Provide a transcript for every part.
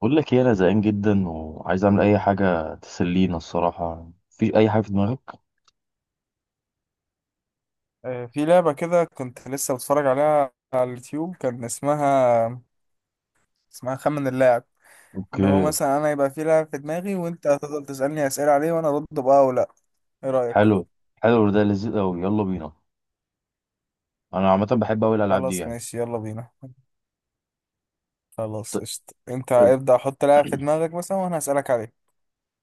بقول لك ايه؟ انا زهقان جدا وعايز اعمل اي حاجه تسلينا الصراحه. في اي حاجه في دماغك؟ آه، في لعبة كده كنت لسه بتفرج عليها على اليوتيوب. كان اسمها خمن اللاعب. اللي هو اوكي. مثلا انا يبقى في لاعب في دماغي، وانت هتفضل تسألني أسئلة عليه وانا ارد بقى او لا. ايه رأيك؟ حلو. حلو ده لذيذ قوي، يلا بينا. انا عامه بحب قوي الالعاب دي خلاص، يعني. ماشي، يلا بينا. خلاص، ط- قشطة، انت ابدأ، حط لاعب في دماغك مثلا وانا هسألك عليه.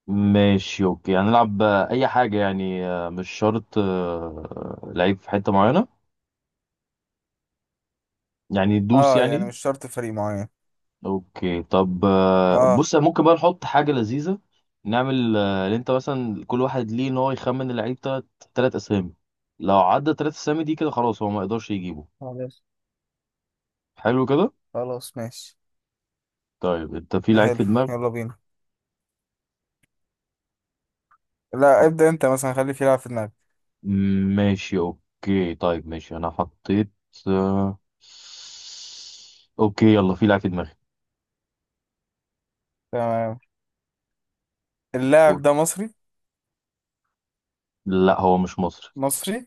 ماشي اوكي، هنلعب، اي حاجه يعني، مش شرط لعيب في حته معينه، يعني دوس اه، يعني يعني. مش شرط فريق معين. اوكي طب، اه، بص ممكن بقى نحط حاجه لذيذه. نعمل اللي انت مثلا كل واحد ليه ان هو يخمن اللعيب تلات اسامي. لو عدى تلات اسامي دي كده خلاص هو ما يقدرش يجيبه. خلاص حلو كده. خلاص، ماشي، طيب انت في لعيب حلو، في دماغك؟ يلا بينا. لا، حط... ابدأ انت مثلا، خلي في لاعب في دماغك. ماشي اوكي، طيب ماشي، انا حطيت. آه، اوكي يلا، في لعيب في دماغي. تمام. اللاعب قول. ده مصري؟ لا، هو مش مصري. مصري،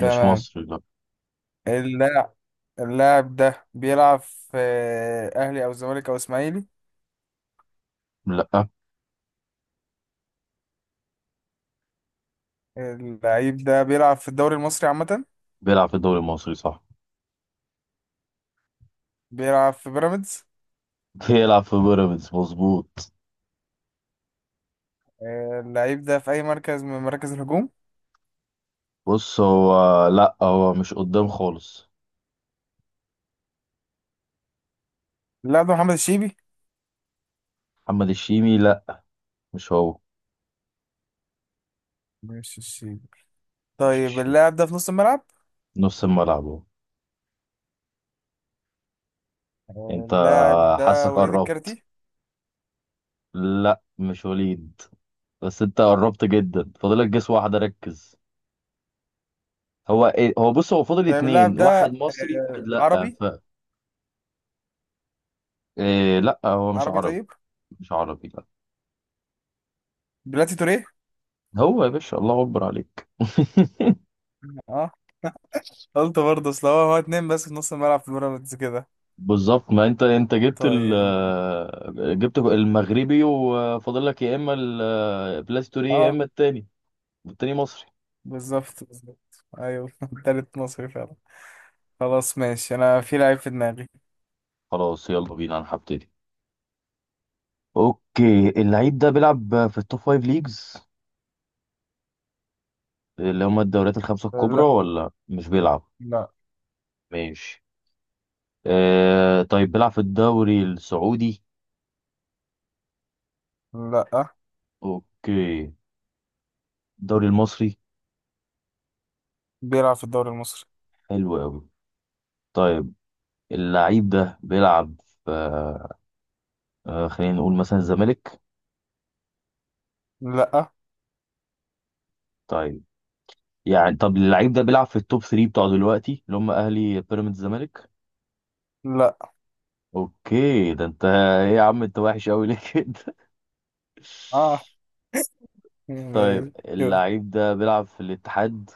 مش مصري لا. اللاعب اللاعب ده بيلعب في أهلي أو الزمالك أو إسماعيلي؟ لا، اللعيب ده بيلعب في الدوري المصري عامة؟ بيلعب في الدوري المصري صح. بيلعب في بيراميدز؟ بيلعب في بيراميدز مظبوط. اللعيب ده في أي مركز من مراكز الهجوم؟ بص هو، لا هو مش قدام خالص. اللاعب ده محمد الشيبي؟ محمد الشيمي لا، مش هو. مش الشيبي، مش طيب. الشيمي، اللاعب ده في نص الملعب؟ نص الملعب هو. انت اللاعب حاسك ده وليد قربت. الكارتي؟ لا مش وليد، بس انت قربت جدا، فاضلك جس واحدة، ركز. هو ايه، هو بص هو فاضل طيب، اللاعب اتنين، ده واحد مصري واحد لأ، عربي؟ ف... إيه لأ، هو مش عربي، عربي. طيب. مش عربي لأ. بلاتي توريه. هو يا باشا، الله أكبر عليك. اه، قلت برضه، اصل هو اتنين بس في نص الملعب في بيراميدز كده. بالظبط، ما انت جبت ال، طيب. جبت المغربي وفاضل لك يا اما البلاستوري يا اه، اما التاني. والتاني مصري. بالظبط بالظبط، ايوه. تالت مصري فعلا. خلاص، ماشي، انا في لعيب في دماغي. خلاص يلا بينا، انا هبتدي. اوكي، اللعيب ده بيلعب في التوب فايف ليجز اللي هما الدوريات الخمسة الكبرى، لا. ولا مش بيلعب؟ لا. ماشي. آه طيب، بيلعب في الدوري السعودي؟ لا اوكي. الدوري المصري؟ بيلعب في الدوري المصري. حلو قوي. طيب، اللعيب ده بيلعب في خلينا نقول مثلا الزمالك. لا. طيب. يعني طب، اللعيب ده بيلعب في التوب 3 بتوع دلوقتي اللي هم اهلي بيراميدز الزمالك؟ لا. اوكي، ده انت ايه يا عم، انت وحش قوي ليه كده؟ اه، طيب، يعني كده. اللعيب ده بيلعب في الاتحاد؟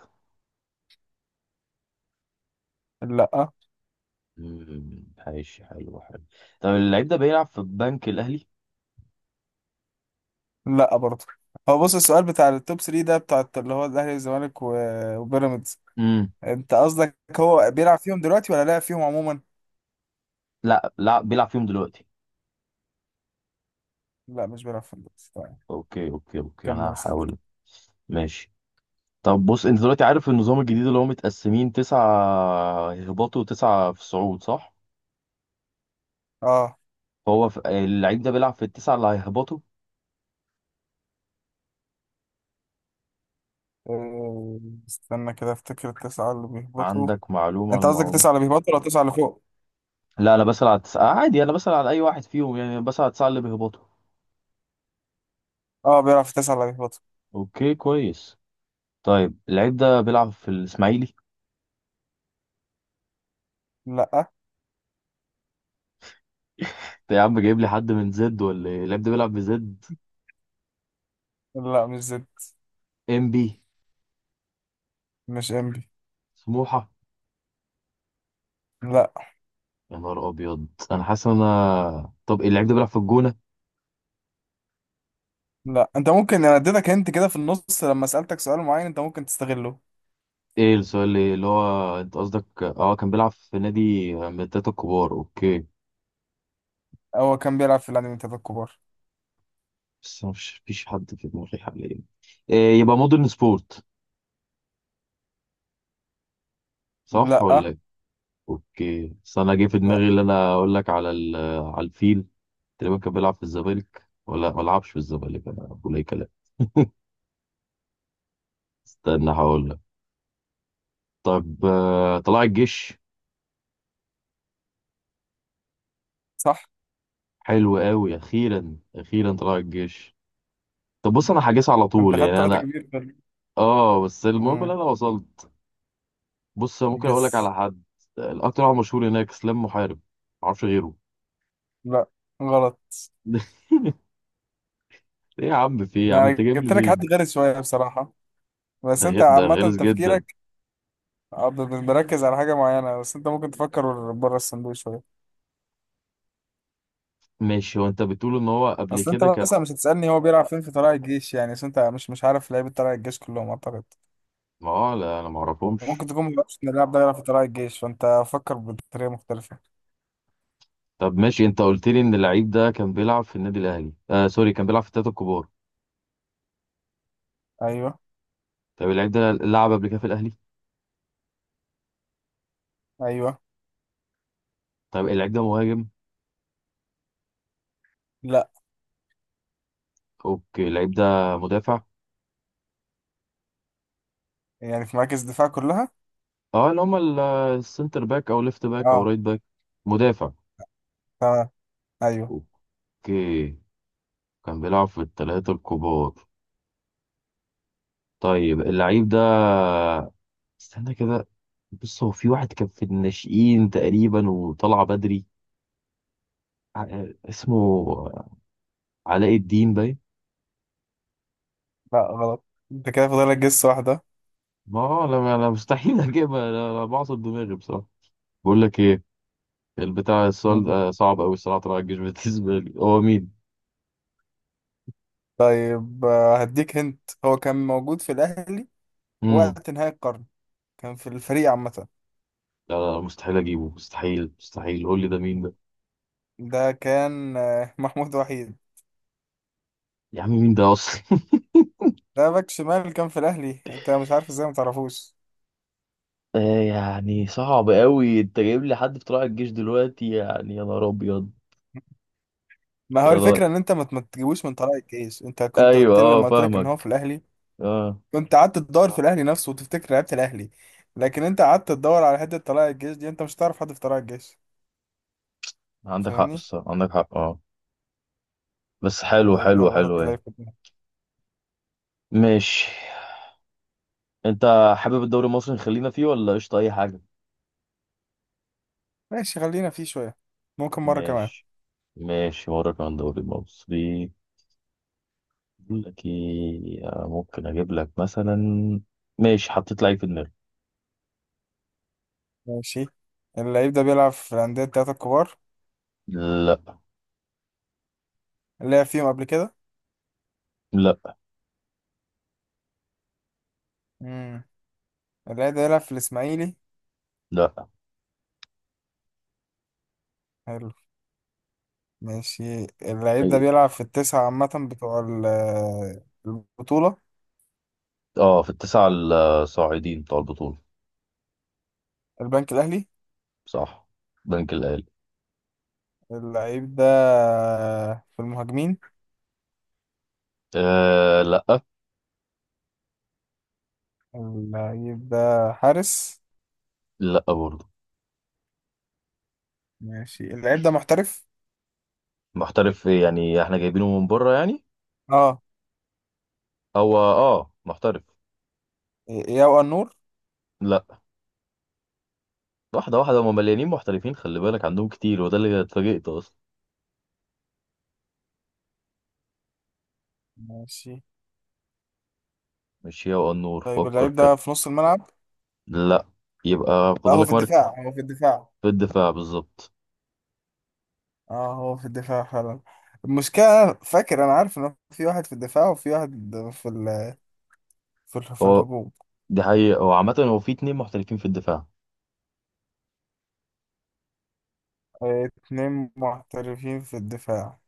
لا. مم، ماشي، حلو حلو. طب اللعيب ده بيلعب في البنك الاهلي؟ لا برضه. هو بص، السؤال بتاع التوب 3 ده بتاع اللي هو الاهلي والزمالك وبيراميدز. امم انت قصدك هو بيلعب فيهم دلوقتي ولا لعب فيهم عموما؟ لا، لا بيلعب فيهم دلوقتي. لا، مش بيلعب فيهم دلوقتي، طيب. اوكي اوكي اوكي، انا كمل اسئلتك. هحاول. ماشي. طب بص، انت دلوقتي عارف النظام الجديد اللي هو متقسمين تسعة هباطوا وتسعة في صعود صح؟ اه. هو اللعيب ده بيلعب في التسعة اللي هيهبطوا؟ آه، استنى كده افتكر التسعة اللي بيهبطوا. عندك معلومة عن انت قصدك الموضوع ده؟ التسعة اللي بيهبطوا ولا التسعة اللي فوق؟ لا انا بسأل على التسعة عادي، انا بسأل على اي واحد فيهم يعني، أنا بسأل على التسعة اللي بيهبطوا. اه، بيلعب في التسعة اللي بيهبطوا. اوكي كويس. طيب اللعيب ده بيلعب في الاسماعيلي؟ لا. انت يا عم جايب لي حد من زد ولا ايه؟ اللعيب ده بيلعب في زد؟ لا، مش زد. ام بي؟ مش انبي. سموحة؟ لا. يا نهار ابيض، انا حاسس ان انا، طب اللعيب ده بيلعب في الجونة؟ لا، انت ممكن انا اديتك انت كده في النص لما سألتك سؤال معين، انت ممكن تستغله. ايه السؤال اللي هو انت قصدك، اه كان بيلعب في نادي من التلاتة الكبار. اوكي، هو كان بيلعب في العالمين الثلاثة الكبار. بس أنا مش فيش حد في دماغي حاليا. إيه يبقى مودرن سبورت، صح لا. ولا ايه؟ اوكي، بس انا جه في لا. دماغي اللي انا اقول لك على على الفيل. تقريبا كان بيلعب في الزمالك ولا ما لعبش في الزمالك، انا بقول اي كلام. استنى هقول لك. طب، طلائع الجيش. صح. حلو قوي، اخيرا اخيرا طلائع الجيش. طب بص، انا هجيس على انت طول خدت يعني وقت انا. كبير في. اه بس المهم اللي امم انا وصلت. بص ممكن اقول لك جس. على حد، الاكتر واحد مشهور هناك اسلام محارب، معرفش غيره. لا، غلط. ايه يا عم، في ايه يا عم، انت انا جايب لي جبت لك حد مين؟ غير شوية بصراحة، بس ده انت ده عامة غلس جدا. تفكيرك. بركز على حاجة معينة، بس انت ممكن تفكر بره الصندوق شوية. ماشي، هو انت بتقول ان هو قبل اصل انت كده كان؟ مثلا مش هتسألني هو بيلعب فين في طلائع الجيش، يعني اصل انت مش عارف لعيبة طلائع الجيش كلهم اعتقد. ما هو لا، انا ما ممكن اعرفهمش. تكون ما يعرفش ان اللاعب ده يلعب في طلائع الجيش، فانت فكر بطريقه مختلفه. طب ماشي، انت قلت لي ان اللعيب ده كان بيلعب في النادي الاهلي، سوري، كان بيلعب في الثلاثه الكبار. ايوه. طب اللعيب ده لعب قبل كده في الاهلي؟ ايوه. طب اللعيب ده مهاجم؟ لا. اوكي، اللعيب ده مدافع؟ يعني في مراكز الدفاع كلها. اه، اللي هم السنتر باك او ليفت باك او اه، رايت باك، مدافع. تمام. ايوه. اوكي، كان بيلعب في الثلاثة الكبار. طيب اللعيب ده، استنى كده. بص هو في واحد كان في الناشئين تقريبا وطلع بدري، اسمه علاء الدين باين. لا، غلط. انت كده فاضل لك جس واحده. ما هو انا مستحيل اجيبها، انا أنا بعصب دماغي بصراحة. بقول لك ايه، البتاع السؤال مم. ده صعب قوي الصراحة. طلع الجيش بالنسبة لي هو مين؟ طيب، هديك هنت. هو كان موجود في الاهلي امم. وقت نهايه القرن، كان في الفريق عامه. لا لا لا، مستحيل اجيبه، مستحيل مستحيل، قول لي ده مين ده. ده كان محمود وحيد. يا عم مين ده اصلا؟ ده باك شمال كان في الاهلي، انت مش عارف ازاي ما تعرفوش؟ يعني صعب قوي، انت جايب لي حد في طلائع الجيش دلوقتي يعني، يا نهار ابيض. ما يا هو نهار. الفكره ان انت ما تجيبوش من طلائع الجيش. انت كنت ايوه قلت لي اه لما قلت لك ان هو في فاهمك. الاهلي، اه، كنت قعدت تدور في الاهلي نفسه وتفتكر لعيبه الاهلي، لكن انت قعدت تدور على حته طلائع الجيش دي، انت مش هتعرف حد في طلائع الجيش، عندك حق فاهمني. الصراحه، عندك حق اه. بس حلو طيب، حلو يلا حلو. حط ايه لعيب في دماغك. ماشي. انت حابب الدوري المصري نخلينا فيه ولا قشطه اي حاجه؟ ماشي، خلينا فيه شويه، ممكن مره كمان. ماشي، ماشي وراك عن الدوري المصري. بقول لك ايه، ممكن اجيب لك مثلا. ماشي حطيت لعيب في دماغي. ماشي. اللعيب ده بيلعب في الانديه التلاته الكبار؟ لا. لعب فيهم قبل كده؟ لا. امم اللعيب ده بيلعب في الاسماعيلي؟ لا. حلو، ماشي. اللعيب ده إيه. بيلعب في التسعه عامه بتوع البطوله؟ اه في التسعه الصاعدين بتوع البطوله. البنك الاهلي. صح، بنك الاهلي. اللعيب ده في المهاجمين؟ آه لا. اللعيب ده حارس؟ لا برضه. ماشي، اللعيب ده محترف؟ محترف ايه يعني، احنا جايبينه من بره يعني؟ اه. هو اه محترف. ياو النور. لا. واحده واحده، هم مليانين محترفين خلي بالك، عندهم كتير وده اللي اتفاجئت اصلا. ماشي، مش هي والنور، طيب، فكر اللعيب كده. ده في نص الملعب؟ لا. يبقى لا، هو في فاضلك مركز. الدفاع، هو في الدفاع. في الدفاع بالظبط اه، هو في الدفاع فعلا. المشكلة أنا فاكر، انا عارف ان في واحد في الدفاع وفي واحد في ال... في هو. الهجوم. دي حقيقة، هو عامة هو في اتنين محترفين في الدفاع. اتنين محترفين في الدفاع.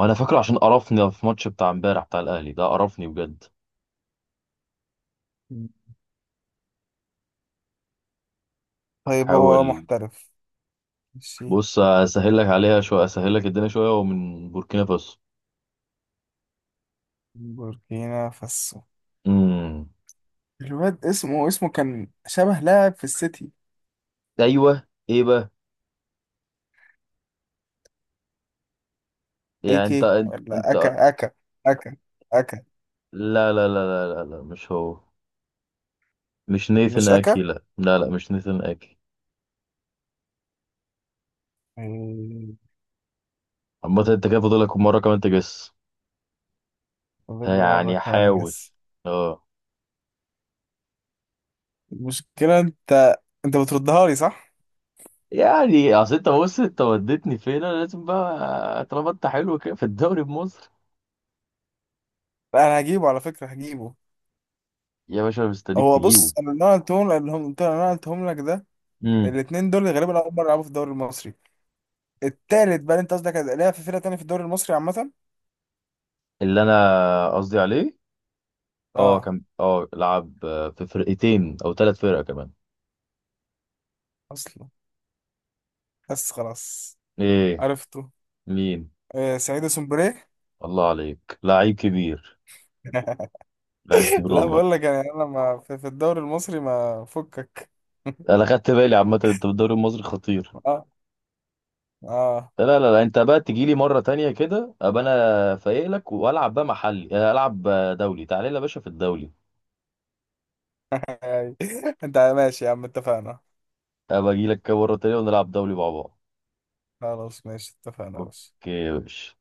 وانا فاكره عشان قرفني في ماتش بتاع امبارح بتاع الاهلي ده، قرفني بجد. طيب، هو حاول، محترف. ماشي، بص اسهل لك عليها شويه، اسهل لك الدنيا شويه، ومن بوركينا فاسو. بوركينا فاسو. امم. الواد اسمه كان شبه لاعب في السيتي. ايوه ايه بقى؟ اي يعني انت كي، ولا انت اكا. اكا. اكا. اكا لا لا لا لا لا, لا. مش هو. مش نيثن مش اكي اكا. لا لا لا، مش نيثن اكي. عامة انت كده فاضلك مرة كمان تجس، فاضل لي مرة يعني كمان حاول. أجس. اه. المشكلة أنت بتردها لي صح؟ يعني اصل انت بص، انت وديتني فين؟ انا لازم بقى طالما انت حلو كده في الدوري بمصر. لا، أنا هجيبه، على فكرة هجيبه. يا باشا مستنيك هو تجيبه. بص، أنا اللي أنا قلتهم، اللي هم قلت، اللي أنا قلتهم لك ده. امم الاتنين دول غالبا أول مرة يلعبوا في الدوري المصري. التالت بقى اللي أنت قصدك هتلاقيها في فرقة تانية في الدوري المصري عامة؟ اللي انا قصدي عليه، اه أه، كان اه لعب في فرقتين او ثلاث فرق كمان. أصلا. بس خلاص، ايه؟ عرفته. مين؟ آه، سعيد سومبري. الله عليك لعيب كبير. لعيب كبير لا، بقول والله. لك يعني أنا ما في الدوري المصري ما فكك. انا خدت بالي عامه، انت بالدوري المصري خطير. أه. أه. لا لا لا، انت بقى تجي لي مره تانية كده، ابقى انا فايق لك، والعب بقى محلي، العب دولي، تعالى لي يا باشا في الدولي. أي. أنت ماشي يا عم، اتفقنا. ابقى اجي لك كده مره تانية ونلعب دولي مع بعض. خلاص، ماشي، اتفقنا بس. اوكي يا باشا.